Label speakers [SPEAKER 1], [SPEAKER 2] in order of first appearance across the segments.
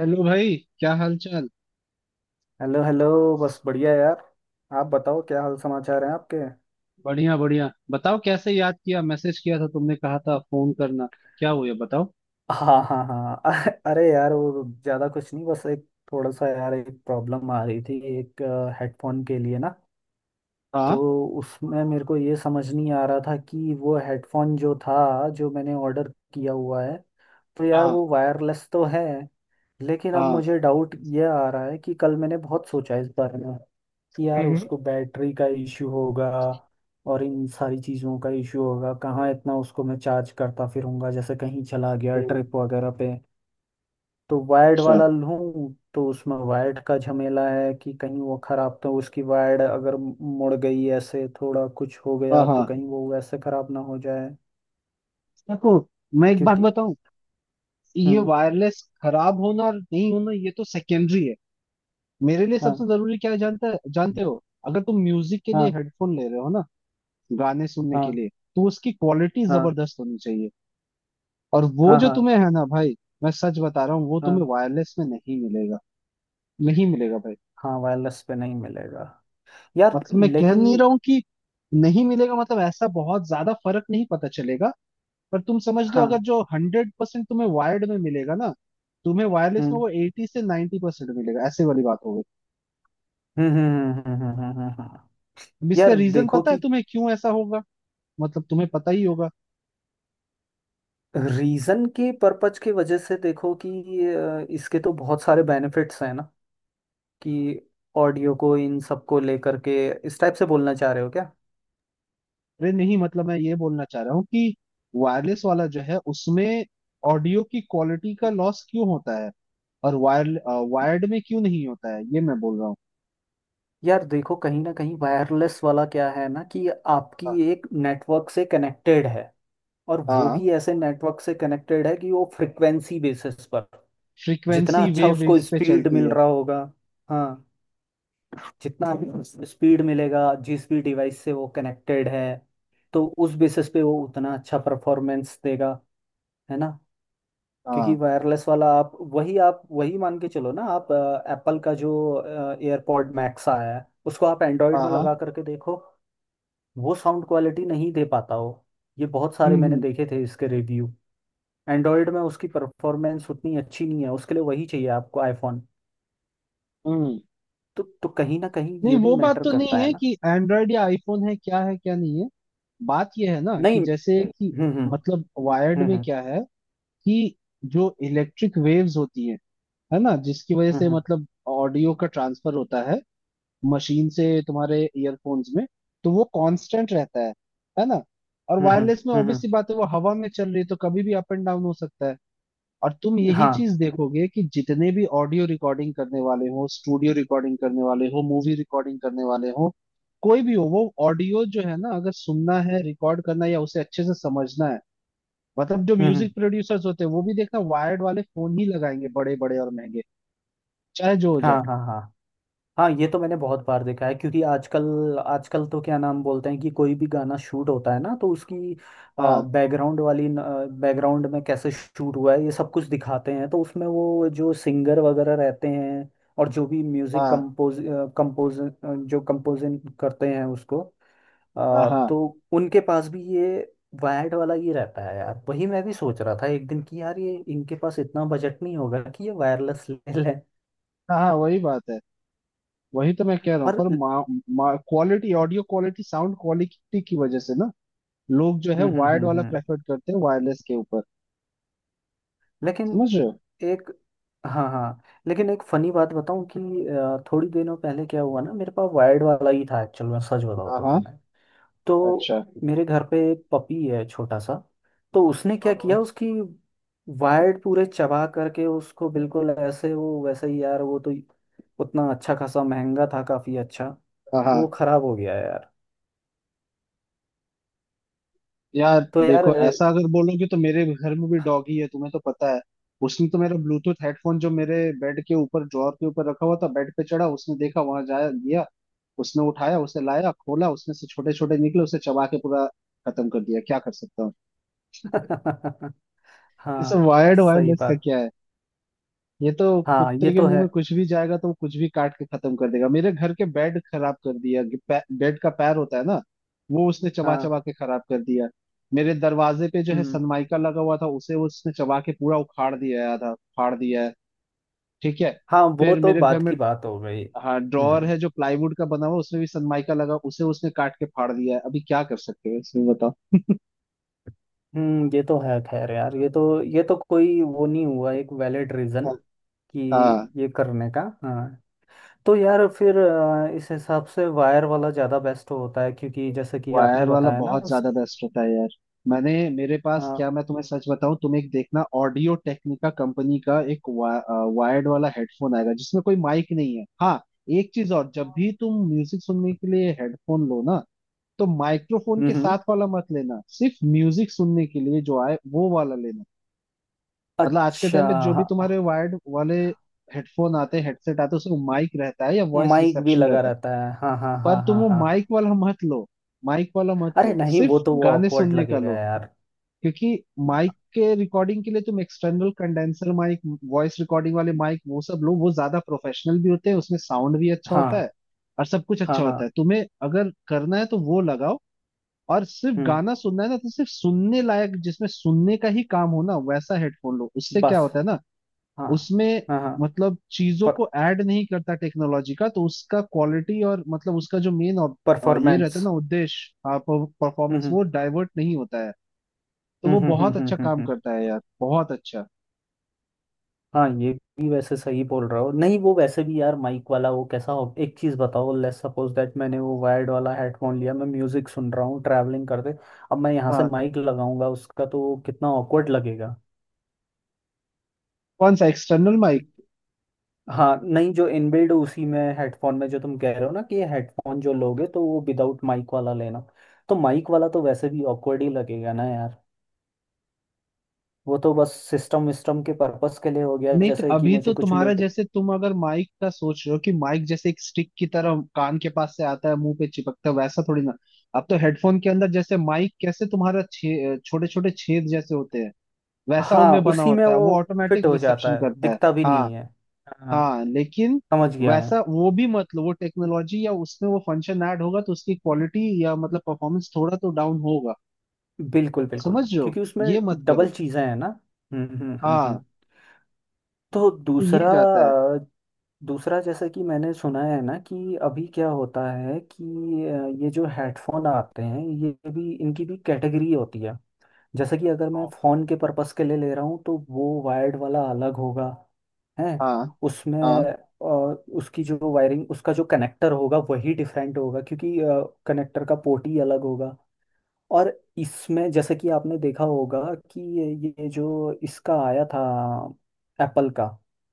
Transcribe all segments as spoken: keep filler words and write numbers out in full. [SPEAKER 1] Hello भाई, क्या हाल चाल।
[SPEAKER 2] Hello hello. बस बढ़िया यार। आप बताओ, क्या हाल समाचार हैं आपके।
[SPEAKER 1] बढ़िया बढ़िया, बताओ कैसे याद किया, मैसेज किया था तुमने, कहा था फोन करना। क्या हुआ बताओ।
[SPEAKER 2] हाँ हाँ हाँ, अ- अरे यार, वो ज़्यादा कुछ नहीं, बस एक थोड़ा सा यार, एक प्रॉब्लम आ रही थी, एक हेडफोन के लिए ना।
[SPEAKER 1] हाँ
[SPEAKER 2] तो उसमें मेरे को ये समझ नहीं आ रहा था कि वो हेडफोन जो था, जो मैंने ऑर्डर किया हुआ है, तो यार
[SPEAKER 1] हाँ
[SPEAKER 2] वो वायरलेस तो है, लेकिन अब
[SPEAKER 1] हाँ।
[SPEAKER 2] मुझे डाउट ये आ रहा है कि कल मैंने बहुत सोचा इस बारे में कि यार
[SPEAKER 1] हम्म
[SPEAKER 2] उसको बैटरी का इश्यू होगा और इन सारी चीज़ों का इश्यू होगा। कहाँ इतना उसको मैं चार्ज करता फिरूंगा, जैसे कहीं चला गया
[SPEAKER 1] हम्म।
[SPEAKER 2] ट्रिप वगैरह पे। तो वायर्ड
[SPEAKER 1] अच्छा।
[SPEAKER 2] वाला लूं तो उसमें वायर्ड का झमेला है कि कहीं वो खराब, तो उसकी वायर्ड अगर मुड़ गई, ऐसे थोड़ा कुछ हो
[SPEAKER 1] हाँ
[SPEAKER 2] गया तो
[SPEAKER 1] हाँ।
[SPEAKER 2] कहीं वो वैसे खराब ना हो जाए।
[SPEAKER 1] देखो, मैं एक बात
[SPEAKER 2] क्योंकि
[SPEAKER 1] बताऊं। ये
[SPEAKER 2] हम्म,
[SPEAKER 1] वायरलेस खराब होना और नहीं होना, ये तो सेकेंडरी है। मेरे लिए
[SPEAKER 2] हाँ
[SPEAKER 1] सबसे जरूरी क्या है जानता है, जानते हो? अगर तुम म्यूजिक के लिए
[SPEAKER 2] हाँ
[SPEAKER 1] हेडफोन ले रहे हो ना, गाने सुनने के
[SPEAKER 2] हाँ
[SPEAKER 1] लिए, तो उसकी क्वालिटी
[SPEAKER 2] हाँ
[SPEAKER 1] जबरदस्त होनी चाहिए। और वो
[SPEAKER 2] हाँ
[SPEAKER 1] जो
[SPEAKER 2] हाँ
[SPEAKER 1] तुम्हें है ना भाई, मैं सच बता रहा हूँ, वो तुम्हें
[SPEAKER 2] हाँ
[SPEAKER 1] वायरलेस में नहीं मिलेगा। नहीं मिलेगा भाई।
[SPEAKER 2] हाँ, वायरलेस पे नहीं मिलेगा यार,
[SPEAKER 1] मतलब मैं कह
[SPEAKER 2] लेकिन
[SPEAKER 1] नहीं रहा हूँ कि नहीं मिलेगा, मतलब ऐसा बहुत ज्यादा फर्क नहीं पता चलेगा। पर तुम समझ लो, अगर
[SPEAKER 2] हाँ।
[SPEAKER 1] जो हंड्रेड परसेंट तुम्हें वायर्ड में मिलेगा ना, तुम्हें वायरलेस
[SPEAKER 2] हम्म।
[SPEAKER 1] में वो एटी से 90% परसेंट मिलेगा, ऐसे वाली बात हो गई।
[SPEAKER 2] हम्म हम्म, हम्म, हम्म, हम्म, हम्म, हम्म। हम्म, हम्म।
[SPEAKER 1] अब इसका
[SPEAKER 2] यार
[SPEAKER 1] रीजन
[SPEAKER 2] देखो
[SPEAKER 1] पता है
[SPEAKER 2] कि
[SPEAKER 1] तुम्हें क्यों ऐसा होगा? मतलब तुम्हें पता ही होगा।
[SPEAKER 2] रीजन के पर्पज की वजह से देखो कि अ, इसके तो बहुत सारे बेनिफिट्स हैं ना कि ऑडियो को इन सब को लेकर के इस टाइप से बोलना चाह रहे हो क्या।
[SPEAKER 1] अरे नहीं, मतलब मैं ये बोलना चाह रहा हूँ कि वायरलेस वाला जो है उसमें ऑडियो की क्वालिटी का लॉस क्यों होता है, और वायर वायर्ड में क्यों नहीं होता है, ये मैं बोल रहा हूँ।
[SPEAKER 2] यार देखो, कहीं ना कहीं वायरलेस वाला क्या है ना कि
[SPEAKER 1] हाँ
[SPEAKER 2] आपकी एक नेटवर्क से कनेक्टेड है और वो
[SPEAKER 1] हाँ।
[SPEAKER 2] भी ऐसे नेटवर्क से कनेक्टेड है कि वो फ्रिक्वेंसी बेसिस पर जितना
[SPEAKER 1] फ्रीक्वेंसी
[SPEAKER 2] अच्छा
[SPEAKER 1] वेव
[SPEAKER 2] उसको
[SPEAKER 1] इस पे
[SPEAKER 2] स्पीड
[SPEAKER 1] चलती
[SPEAKER 2] मिल
[SPEAKER 1] है।
[SPEAKER 2] रहा होगा। हाँ, जितना स्पीड मिलेगा जिस भी डिवाइस से वो कनेक्टेड है, तो उस बेसिस पे वो उतना अच्छा परफॉर्मेंस देगा, है ना। क्योंकि
[SPEAKER 1] हाँ
[SPEAKER 2] वायरलेस वाला आप वही आप वही मान के चलो ना। आप एप्पल का जो एयरपॉड मैक्स आया है उसको आप एंड्रॉयड
[SPEAKER 1] हाँ
[SPEAKER 2] में
[SPEAKER 1] हाँ।
[SPEAKER 2] लगा करके देखो, वो साउंड क्वालिटी नहीं दे पाता हो। ये बहुत सारे मैंने
[SPEAKER 1] हम्म
[SPEAKER 2] देखे थे इसके रिव्यू। एंड्रॉयड में उसकी परफॉर्मेंस उतनी अच्छी नहीं है, उसके लिए वही चाहिए आपको आईफोन।
[SPEAKER 1] हम्म हम्म।
[SPEAKER 2] तो तो कहीं ना कहीं
[SPEAKER 1] नहीं,
[SPEAKER 2] ये भी
[SPEAKER 1] वो बात
[SPEAKER 2] मैटर
[SPEAKER 1] तो
[SPEAKER 2] करता
[SPEAKER 1] नहीं
[SPEAKER 2] है
[SPEAKER 1] है
[SPEAKER 2] ना।
[SPEAKER 1] कि एंड्रॉयड या आईफोन है क्या है क्या नहीं है। बात ये है ना
[SPEAKER 2] नहीं,
[SPEAKER 1] कि जैसे कि
[SPEAKER 2] हम्म हम्म
[SPEAKER 1] मतलब वायर्ड
[SPEAKER 2] हम्म
[SPEAKER 1] में
[SPEAKER 2] हम्म
[SPEAKER 1] क्या है कि जो इलेक्ट्रिक वेव्स होती है है ना, जिसकी वजह
[SPEAKER 2] हम्म
[SPEAKER 1] से
[SPEAKER 2] हम्म।
[SPEAKER 1] मतलब ऑडियो का ट्रांसफर होता है मशीन से तुम्हारे ईयरफोन्स में, तो वो कांस्टेंट रहता है है ना। और
[SPEAKER 2] हम्म हम्म
[SPEAKER 1] वायरलेस में
[SPEAKER 2] हम्म, हम्म।
[SPEAKER 1] ऑब्वियसली बात है, वो हवा में चल रही है तो कभी भी अप एंड डाउन हो सकता है। और तुम यही
[SPEAKER 2] हाँ,
[SPEAKER 1] चीज देखोगे कि जितने भी ऑडियो रिकॉर्डिंग करने वाले हो, स्टूडियो रिकॉर्डिंग करने वाले हो, मूवी रिकॉर्डिंग करने वाले हो, कोई भी हो, वो ऑडियो जो है ना, अगर सुनना है, रिकॉर्ड करना है या उसे अच्छे से समझना है, मतलब जो
[SPEAKER 2] हम्म हम्म,
[SPEAKER 1] म्यूजिक प्रोड्यूसर्स होते हैं, वो भी देखना वायर्ड वाले फोन ही लगाएंगे, बड़े बड़े और महंगे, चाहे जो हो
[SPEAKER 2] हाँ
[SPEAKER 1] जाए।
[SPEAKER 2] हाँ हाँ। हाँ ये तो मैंने बहुत बार देखा है क्योंकि आजकल आजकल तो क्या नाम बोलते हैं कि कोई भी गाना शूट होता है ना तो उसकी
[SPEAKER 1] हाँ
[SPEAKER 2] बैकग्राउंड वाली बैकग्राउंड में कैसे शूट हुआ है ये सब कुछ दिखाते हैं, तो उसमें वो जो सिंगर वगैरह रहते हैं और जो भी म्यूजिक
[SPEAKER 1] हाँ
[SPEAKER 2] कंपोज कंपोज जो कंपोजिंग करते हैं उसको,
[SPEAKER 1] हाँ
[SPEAKER 2] आ,
[SPEAKER 1] हाँ
[SPEAKER 2] तो उनके पास भी ये वायर्ड वाला ही रहता है यार। वही मैं भी सोच रहा था एक दिन कि यार ये इनके पास इतना बजट नहीं होगा कि ये वायरलेस ले लें।
[SPEAKER 1] हाँ हाँ, वही बात है। वही तो मैं कह रहा हूँ,
[SPEAKER 2] और हम्म
[SPEAKER 1] पर quality audio quality sound quality की वजह से ना लोग जो है
[SPEAKER 2] हम्म
[SPEAKER 1] वायर्ड
[SPEAKER 2] हम्म
[SPEAKER 1] वाला
[SPEAKER 2] हम्म।
[SPEAKER 1] प्रेफर करते हैं वायरलेस के ऊपर।
[SPEAKER 2] लेकिन
[SPEAKER 1] समझ रहे हो?
[SPEAKER 2] एक, हाँ हाँ, लेकिन एक फनी बात बताऊं कि आ, थोड़ी दिनों पहले क्या हुआ ना, मेरे पास वायर्ड वाला ही था एक्चुअल में, सच बताऊं
[SPEAKER 1] हाँ
[SPEAKER 2] तो
[SPEAKER 1] हाँ,
[SPEAKER 2] तुम्हें। तो
[SPEAKER 1] अच्छा।
[SPEAKER 2] मेरे घर पे एक पपी है छोटा सा, तो उसने क्या
[SPEAKER 1] और
[SPEAKER 2] किया उसकी वायर्ड पूरे चबा करके उसको बिल्कुल ऐसे, वो वैसे ही यार, वो तो उतना अच्छा खासा महंगा था, काफी अच्छा।
[SPEAKER 1] हाँ
[SPEAKER 2] तो
[SPEAKER 1] हाँ,
[SPEAKER 2] वो खराब हो गया यार।
[SPEAKER 1] यार
[SPEAKER 2] तो यार
[SPEAKER 1] देखो,
[SPEAKER 2] अ,
[SPEAKER 1] ऐसा अगर बोलोगे तो मेरे घर में भी डॉगी है, तुम्हें तो पता है। उसने तो मेरा ब्लूटूथ हेडफोन जो मेरे बेड के ऊपर ड्रॉअर के ऊपर रखा हुआ था, बेड पे चढ़ा, उसने देखा वहां जाया गया, उसने उठाया, उसे लाया, खोला, उसमें से छोटे छोटे निकले, उसे चबा के पूरा खत्म कर दिया। क्या कर सकता हूँ। ये सब
[SPEAKER 2] हाँ,
[SPEAKER 1] वायर्ड
[SPEAKER 2] सही
[SPEAKER 1] वायरलेस का
[SPEAKER 2] बात।
[SPEAKER 1] क्या है। ये तो
[SPEAKER 2] हाँ ये
[SPEAKER 1] कुत्ते के
[SPEAKER 2] तो
[SPEAKER 1] मुंह
[SPEAKER 2] है।
[SPEAKER 1] में कुछ भी जाएगा तो वो कुछ भी काट के खत्म कर देगा। मेरे घर के बेड खराब कर दिया कि पै- बेड का पैर होता है ना, वो उसने चबा
[SPEAKER 2] हाँ
[SPEAKER 1] चबा के खराब कर दिया। मेरे दरवाजे पे जो है
[SPEAKER 2] हम्म।
[SPEAKER 1] सनमाइका लगा हुआ था, उसे उसने चबा के पूरा उखाड़ दिया है, आधा फाड़ दिया है। ठीक है।
[SPEAKER 2] हाँ वो
[SPEAKER 1] फिर
[SPEAKER 2] तो
[SPEAKER 1] मेरे घर
[SPEAKER 2] बात
[SPEAKER 1] में
[SPEAKER 2] की बात हो गई।
[SPEAKER 1] हाँ ड्रॉअर
[SPEAKER 2] हम्म
[SPEAKER 1] है जो प्लाईवुड का बना हुआ, उसमें भी सनमाइका लगा, उसे उसने काट के फाड़ दिया है। अभी क्या कर सकते हो इसमें बताओ।
[SPEAKER 2] हम्म, ये तो है। खैर यार, ये तो ये तो कोई वो नहीं हुआ, एक वैलिड रीजन कि
[SPEAKER 1] हाँ,
[SPEAKER 2] ये करने का। हाँ, तो यार फिर अ, इस हिसाब से वायर वाला ज़्यादा बेस्ट होता है क्योंकि जैसे कि आपने
[SPEAKER 1] वायर वाला
[SPEAKER 2] बताया ना
[SPEAKER 1] बहुत
[SPEAKER 2] उस।
[SPEAKER 1] ज्यादा बेस्ट होता है यार। मैंने मेरे पास क्या,
[SPEAKER 2] हाँ,
[SPEAKER 1] मैं तुम्हें सच बताऊं, तुम एक देखना, ऑडियो टेक्निका कंपनी का एक वा, वायर्ड वाला हेडफोन आएगा जिसमें कोई माइक नहीं है। हाँ, एक चीज और, जब भी तुम म्यूजिक सुनने के लिए हेडफोन लो ना, तो माइक्रोफोन के
[SPEAKER 2] हम्म,
[SPEAKER 1] साथ वाला मत लेना, सिर्फ म्यूजिक सुनने के लिए जो आए वो वाला लेना। मतलब आज के
[SPEAKER 2] अच्छा,
[SPEAKER 1] टाइम पे जो भी
[SPEAKER 2] हाँ,
[SPEAKER 1] तुम्हारे वायर्ड वाले हेडफोन आते हैं, हेडसेट आते हैं, उसमें माइक रहता है या वॉइस
[SPEAKER 2] माइक भी
[SPEAKER 1] रिसेप्शन
[SPEAKER 2] लगा
[SPEAKER 1] रहता है।
[SPEAKER 2] रहता है, हाँ हाँ
[SPEAKER 1] पर
[SPEAKER 2] हाँ
[SPEAKER 1] तुम
[SPEAKER 2] हाँ
[SPEAKER 1] वो
[SPEAKER 2] हाँ
[SPEAKER 1] माइक
[SPEAKER 2] हाँ।
[SPEAKER 1] वाला मत लो। माइक वाला मत
[SPEAKER 2] अरे
[SPEAKER 1] लो,
[SPEAKER 2] नहीं,
[SPEAKER 1] सिर्फ
[SPEAKER 2] वो तो वो
[SPEAKER 1] गाने
[SPEAKER 2] ऑकवर्ड
[SPEAKER 1] सुनने का
[SPEAKER 2] लगेगा
[SPEAKER 1] लो।
[SPEAKER 2] यार।
[SPEAKER 1] क्योंकि माइक के रिकॉर्डिंग के लिए तुम external condenser mic, voice recording वाले माइक, वो सब लो, वो ज्यादा प्रोफेशनल भी होते हैं, उसमें साउंड भी अच्छा होता
[SPEAKER 2] हाँ
[SPEAKER 1] है और सब कुछ
[SPEAKER 2] हाँ
[SPEAKER 1] अच्छा
[SPEAKER 2] हाँ।
[SPEAKER 1] होता है। तुम्हें अगर करना है तो वो लगाओ। और सिर्फ
[SPEAKER 2] हम्म,
[SPEAKER 1] गाना सुनना है ना, तो सिर्फ सुनने लायक जिसमें सुनने का ही काम हो ना, वैसा हेडफोन लो। उससे क्या
[SPEAKER 2] बस,
[SPEAKER 1] होता है ना,
[SPEAKER 2] हाँ
[SPEAKER 1] उसमें
[SPEAKER 2] हाँ हाँ।
[SPEAKER 1] मतलब चीजों
[SPEAKER 2] पर
[SPEAKER 1] को ऐड नहीं करता टेक्नोलॉजी का, तो उसका क्वालिटी और मतलब उसका जो मेन ये
[SPEAKER 2] परफॉर्मेंस,
[SPEAKER 1] रहता है ना उद्देश्य, हाँ, परफॉर्मेंस
[SPEAKER 2] हम्म
[SPEAKER 1] वो डाइवर्ट नहीं होता है, तो
[SPEAKER 2] हम्म
[SPEAKER 1] वो
[SPEAKER 2] हम्म हम्म
[SPEAKER 1] बहुत
[SPEAKER 2] हम्म
[SPEAKER 1] अच्छा
[SPEAKER 2] हम्म
[SPEAKER 1] काम
[SPEAKER 2] हम्म।
[SPEAKER 1] करता है यार, बहुत अच्छा।
[SPEAKER 2] हाँ ये भी वैसे सही बोल रहा हो। नहीं, वो वैसे भी यार माइक वाला वो कैसा हो, एक चीज़ बताओ, लेट्स सपोज दैट मैंने वो वायर्ड वाला हेडफोन लिया, मैं म्यूजिक सुन रहा हूँ ट्रैवलिंग करते, अब मैं यहाँ से
[SPEAKER 1] हाँ।
[SPEAKER 2] माइक लगाऊंगा उसका, तो कितना ऑकवर्ड लगेगा।
[SPEAKER 1] कौन सा एक्सटर्नल माइक?
[SPEAKER 2] हाँ नहीं, जो इनबिल्ड उसी में हेडफोन में जो तुम कह रहे हो ना कि ये हेडफोन जो लोगे तो वो विदाउट माइक वाला लेना। तो माइक वाला तो वैसे भी ऑकवर्ड ही लगेगा ना यार। वो तो बस सिस्टम विस्टम के पर्पस के लिए हो गया
[SPEAKER 1] नहीं, तो
[SPEAKER 2] जैसे कि
[SPEAKER 1] अभी तो
[SPEAKER 2] मुझे कुछ।
[SPEAKER 1] तुम्हारा जैसे तुम अगर माइक का सोच रहे हो कि माइक जैसे एक स्टिक की तरह कान के पास से आता है मुंह पे चिपकता है, वैसा थोड़ी ना। अब तो हेडफोन के अंदर जैसे माइक कैसे तुम्हारा छे छोटे छोटे छेद जैसे होते हैं, वैसा
[SPEAKER 2] हाँ,
[SPEAKER 1] उनमें बना
[SPEAKER 2] उसी में
[SPEAKER 1] होता है,
[SPEAKER 2] वो
[SPEAKER 1] वो
[SPEAKER 2] फिट
[SPEAKER 1] ऑटोमेटिक
[SPEAKER 2] हो जाता
[SPEAKER 1] रिसेप्शन
[SPEAKER 2] है,
[SPEAKER 1] करता है।
[SPEAKER 2] दिखता भी
[SPEAKER 1] हाँ
[SPEAKER 2] नहीं है। हाँ,
[SPEAKER 1] हाँ, लेकिन
[SPEAKER 2] समझ गया मैं।
[SPEAKER 1] वैसा वो भी मतलब वो टेक्नोलॉजी या उसमें वो फंक्शन ऐड होगा तो उसकी क्वालिटी या मतलब परफॉर्मेंस थोड़ा तो डाउन होगा।
[SPEAKER 2] बिल्कुल बिल्कुल,
[SPEAKER 1] समझ रहे हो?
[SPEAKER 2] क्योंकि उसमें
[SPEAKER 1] ये मत करो।
[SPEAKER 2] डबल चीजें हैं ना। हम्म हम्म हम्म
[SPEAKER 1] हाँ।
[SPEAKER 2] हम्म। तो
[SPEAKER 1] तो ये
[SPEAKER 2] दूसरा
[SPEAKER 1] जाता है।
[SPEAKER 2] अ, दूसरा जैसा कि मैंने सुना है ना कि अभी क्या होता है कि अ, ये जो हेडफोन आते हैं ये भी, इनकी भी कैटेगरी होती है। जैसे कि अगर मैं फ़ोन के पर्पस के लिए ले रहा हूँ तो वो वायर्ड वाला अलग होगा। है
[SPEAKER 1] हाँ
[SPEAKER 2] उसमें,
[SPEAKER 1] हाँ।
[SPEAKER 2] अ, उसकी जो वायरिंग, उसका जो कनेक्टर होगा वही डिफरेंट होगा, क्योंकि कनेक्टर का पोर्ट ही अलग होगा। और इसमें जैसे कि आपने देखा होगा कि ये ये जो इसका आया था एप्पल का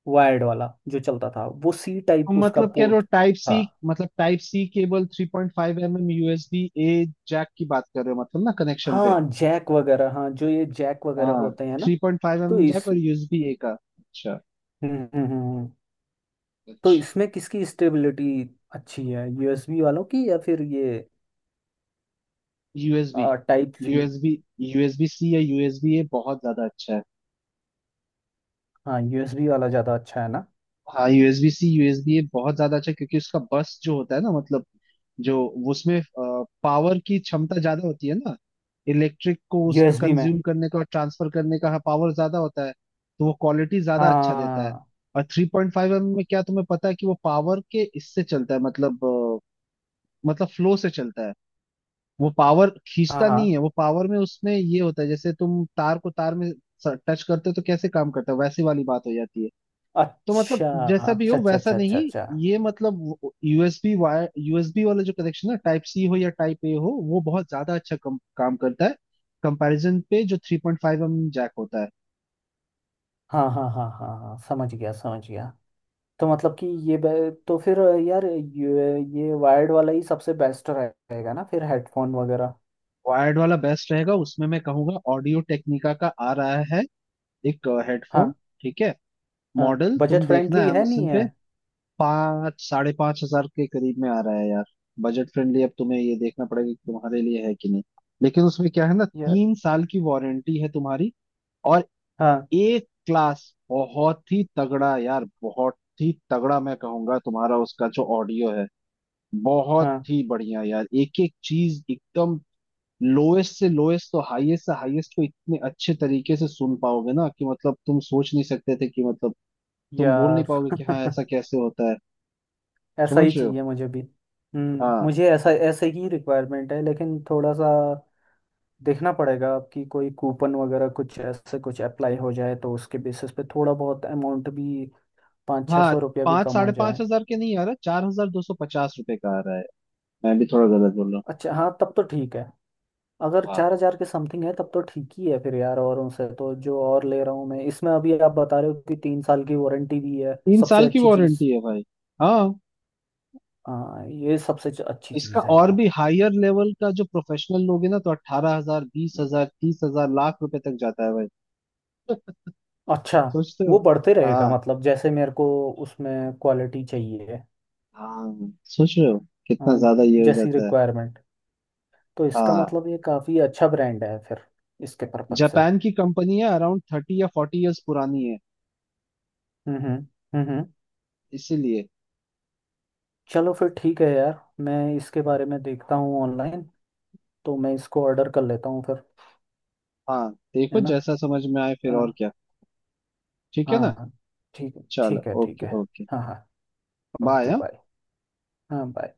[SPEAKER 2] वायर्ड वाला जो चलता था, वो सी
[SPEAKER 1] तो
[SPEAKER 2] टाइप उसका
[SPEAKER 1] मतलब कह रहे हो
[SPEAKER 2] पोर्ट
[SPEAKER 1] टाइप सी,
[SPEAKER 2] था।
[SPEAKER 1] मतलब type C cable three point five M M USB A jack की बात कर रहे हो मतलब ना, कनेक्शन पे?
[SPEAKER 2] हाँ जैक वगैरह, हाँ जो ये जैक वगैरह
[SPEAKER 1] हाँ।
[SPEAKER 2] होते हैं ना
[SPEAKER 1] थ्री पॉइंट फाइव एम
[SPEAKER 2] तो
[SPEAKER 1] एम जैक
[SPEAKER 2] इस,
[SPEAKER 1] और यूएसबी ए का। अच्छा
[SPEAKER 2] हम्म हम्म हम्म, हम्म। तो
[SPEAKER 1] अच्छा।
[SPEAKER 2] इसमें किसकी स्टेबिलिटी अच्छी है, यूएसबी वालों की या फिर ये
[SPEAKER 1] USB.
[SPEAKER 2] Type C.
[SPEAKER 1] USB USB C या यूएसबी ए बहुत ज्यादा अच्छा है।
[SPEAKER 2] हाँ यूएसबी वाला ज़्यादा अच्छा है ना।
[SPEAKER 1] हाँ, यूएसबी सी यूएसबी ए बहुत ज्यादा अच्छा है क्योंकि उसका बस जो होता है ना मतलब जो उसमें पावर की क्षमता ज्यादा होती है ना, इलेक्ट्रिक को उसका
[SPEAKER 2] यूएसबी में,
[SPEAKER 1] कंज्यूम करने का और ट्रांसफर करने का पावर ज्यादा होता है, तो वो क्वालिटी ज्यादा अच्छा देता है।
[SPEAKER 2] हाँ
[SPEAKER 1] और थ्री पॉइंट फाइव एम में क्या तुम्हें पता है कि वो पावर के इससे चलता है मतलब अ, मतलब फ्लो से चलता है, वो पावर
[SPEAKER 2] हाँ
[SPEAKER 1] खींचता
[SPEAKER 2] हाँ।
[SPEAKER 1] नहीं है, वो पावर में उसमें ये होता है, जैसे तुम तार को तार में टच करते हो तो कैसे काम करता है, वैसी वाली बात हो जाती है। तो मतलब
[SPEAKER 2] अच्छा
[SPEAKER 1] जैसा भी हो
[SPEAKER 2] अच्छा अच्छा
[SPEAKER 1] वैसा
[SPEAKER 2] अच्छा अच्छा
[SPEAKER 1] नहीं,
[SPEAKER 2] अच्छा।
[SPEAKER 1] ये मतलब यूएसबी वायर यूएसबी वाला जो कनेक्शन है टाइप सी हो या टाइप ए हो वो बहुत ज्यादा अच्छा कम, काम करता है कंपैरिजन पे जो three point five M M jack होता है।
[SPEAKER 2] हाँ हाँ हाँ हाँ हाँ, समझ गया समझ गया। तो मतलब कि ये बे- तो फिर यार ये ये वायर्ड वाला ही सबसे बेस्ट रहेगा ना फिर हेडफोन वगैरह।
[SPEAKER 1] वायर्ड वाला बेस्ट रहेगा, उसमें मैं कहूंगा ऑडियो टेक्निका का आ रहा है एक हेडफोन,
[SPEAKER 2] हाँ,
[SPEAKER 1] ठीक है।
[SPEAKER 2] हाँ
[SPEAKER 1] मॉडल
[SPEAKER 2] बजट
[SPEAKER 1] तुम देखना
[SPEAKER 2] फ्रेंडली है नहीं
[SPEAKER 1] amazon
[SPEAKER 2] है।
[SPEAKER 1] पे। पाँच साढ़े पाँच हजार के करीब में आ रहा है यार, बजट फ्रेंडली। अब तुम्हें ये देखना पड़ेगा कि तुम्हारे लिए है कि नहीं, लेकिन उसमें क्या है ना,
[SPEAKER 2] यार
[SPEAKER 1] तीन साल की वारंटी है तुम्हारी, और
[SPEAKER 2] हाँ
[SPEAKER 1] एक क्लास, बहुत ही तगड़ा यार, बहुत ही तगड़ा, मैं कहूंगा तुम्हारा उसका जो ऑडियो है बहुत
[SPEAKER 2] हाँ
[SPEAKER 1] ही बढ़िया यार। एक एक चीज एकदम लोएस्ट से लोएस्ट तो हाईएस्ट से हाईएस्ट को इतने अच्छे तरीके से सुन पाओगे ना कि मतलब तुम सोच नहीं सकते थे कि मतलब तुम बोल नहीं
[SPEAKER 2] यार
[SPEAKER 1] पाओगे कि हाँ ऐसा कैसे होता है।
[SPEAKER 2] ऐसा
[SPEAKER 1] समझ
[SPEAKER 2] ही
[SPEAKER 1] रहे हो?
[SPEAKER 2] चाहिए मुझे भी। हम्म,
[SPEAKER 1] हाँ
[SPEAKER 2] मुझे ऐसा ऐसे ही रिक्वायरमेंट है, लेकिन थोड़ा सा देखना पड़ेगा आपकी कोई कूपन वगैरह कुछ ऐसे कुछ अप्लाई हो जाए, तो उसके बेसिस पे थोड़ा बहुत अमाउंट भी, पाँच छः
[SPEAKER 1] हाँ।
[SPEAKER 2] सौ रुपया भी
[SPEAKER 1] पाँच
[SPEAKER 2] कम हो
[SPEAKER 1] साढ़े पाँच
[SPEAKER 2] जाए।
[SPEAKER 1] हजार के नहीं आ रहा, चार हजार दो सौ पचास रुपए का आ रहा है, मैं भी थोड़ा गलत बोल रहा
[SPEAKER 2] अच्छा हाँ, तब तो ठीक है। अगर
[SPEAKER 1] हूँ। हाँ,
[SPEAKER 2] चार हजार के समथिंग है तब तो ठीक ही है फिर यार, औरों से तो। जो और ले रहा हूँ मैं, इसमें अभी आप बता रहे हो कि तीन साल की वारंटी भी है,
[SPEAKER 1] तीन
[SPEAKER 2] सबसे
[SPEAKER 1] साल की
[SPEAKER 2] अच्छी चीज़।
[SPEAKER 1] वारंटी है भाई। हाँ,
[SPEAKER 2] हाँ ये सबसे च- अच्छी
[SPEAKER 1] इसका
[SPEAKER 2] चीज़ है
[SPEAKER 1] और
[SPEAKER 2] यार।
[SPEAKER 1] भी हायर लेवल का जो प्रोफेशनल लोग है ना, तो अट्ठारह हजार बीस हजार तीस हजार लाख रुपए तक जाता है भाई।
[SPEAKER 2] अच्छा,
[SPEAKER 1] सोचते हो।
[SPEAKER 2] वो बढ़ते रहेगा,
[SPEAKER 1] हाँ
[SPEAKER 2] मतलब जैसे मेरे को उसमें क्वालिटी चाहिए।
[SPEAKER 1] हाँ, सोच रहे हो,
[SPEAKER 2] अ,
[SPEAKER 1] कितना ज्यादा ये हो
[SPEAKER 2] जैसी
[SPEAKER 1] जाता है।
[SPEAKER 2] रिक्वायरमेंट। तो इसका
[SPEAKER 1] हाँ,
[SPEAKER 2] मतलब ये काफ़ी अच्छा ब्रांड है फिर, इसके पर्पज से।
[SPEAKER 1] जापान की कंपनी है, अराउंड थर्टी या फोर्टी इयर्स पुरानी है,
[SPEAKER 2] हम्म हम्म हम्म हम्म।
[SPEAKER 1] इसीलिए।
[SPEAKER 2] चलो फिर ठीक है यार, मैं इसके बारे में देखता हूँ ऑनलाइन, तो मैं इसको ऑर्डर कर लेता हूँ फिर।
[SPEAKER 1] हाँ, देखो
[SPEAKER 2] है ना,
[SPEAKER 1] जैसा समझ में आए, फिर
[SPEAKER 2] हाँ
[SPEAKER 1] और क्या, ठीक है ना।
[SPEAKER 2] हाँ, ठीक,
[SPEAKER 1] चलो,
[SPEAKER 2] ठीक है ठीक
[SPEAKER 1] ओके
[SPEAKER 2] है,
[SPEAKER 1] ओके,
[SPEAKER 2] हाँ हाँ,
[SPEAKER 1] बाय,
[SPEAKER 2] ओके
[SPEAKER 1] हाँ।
[SPEAKER 2] बाय। हाँ बाय।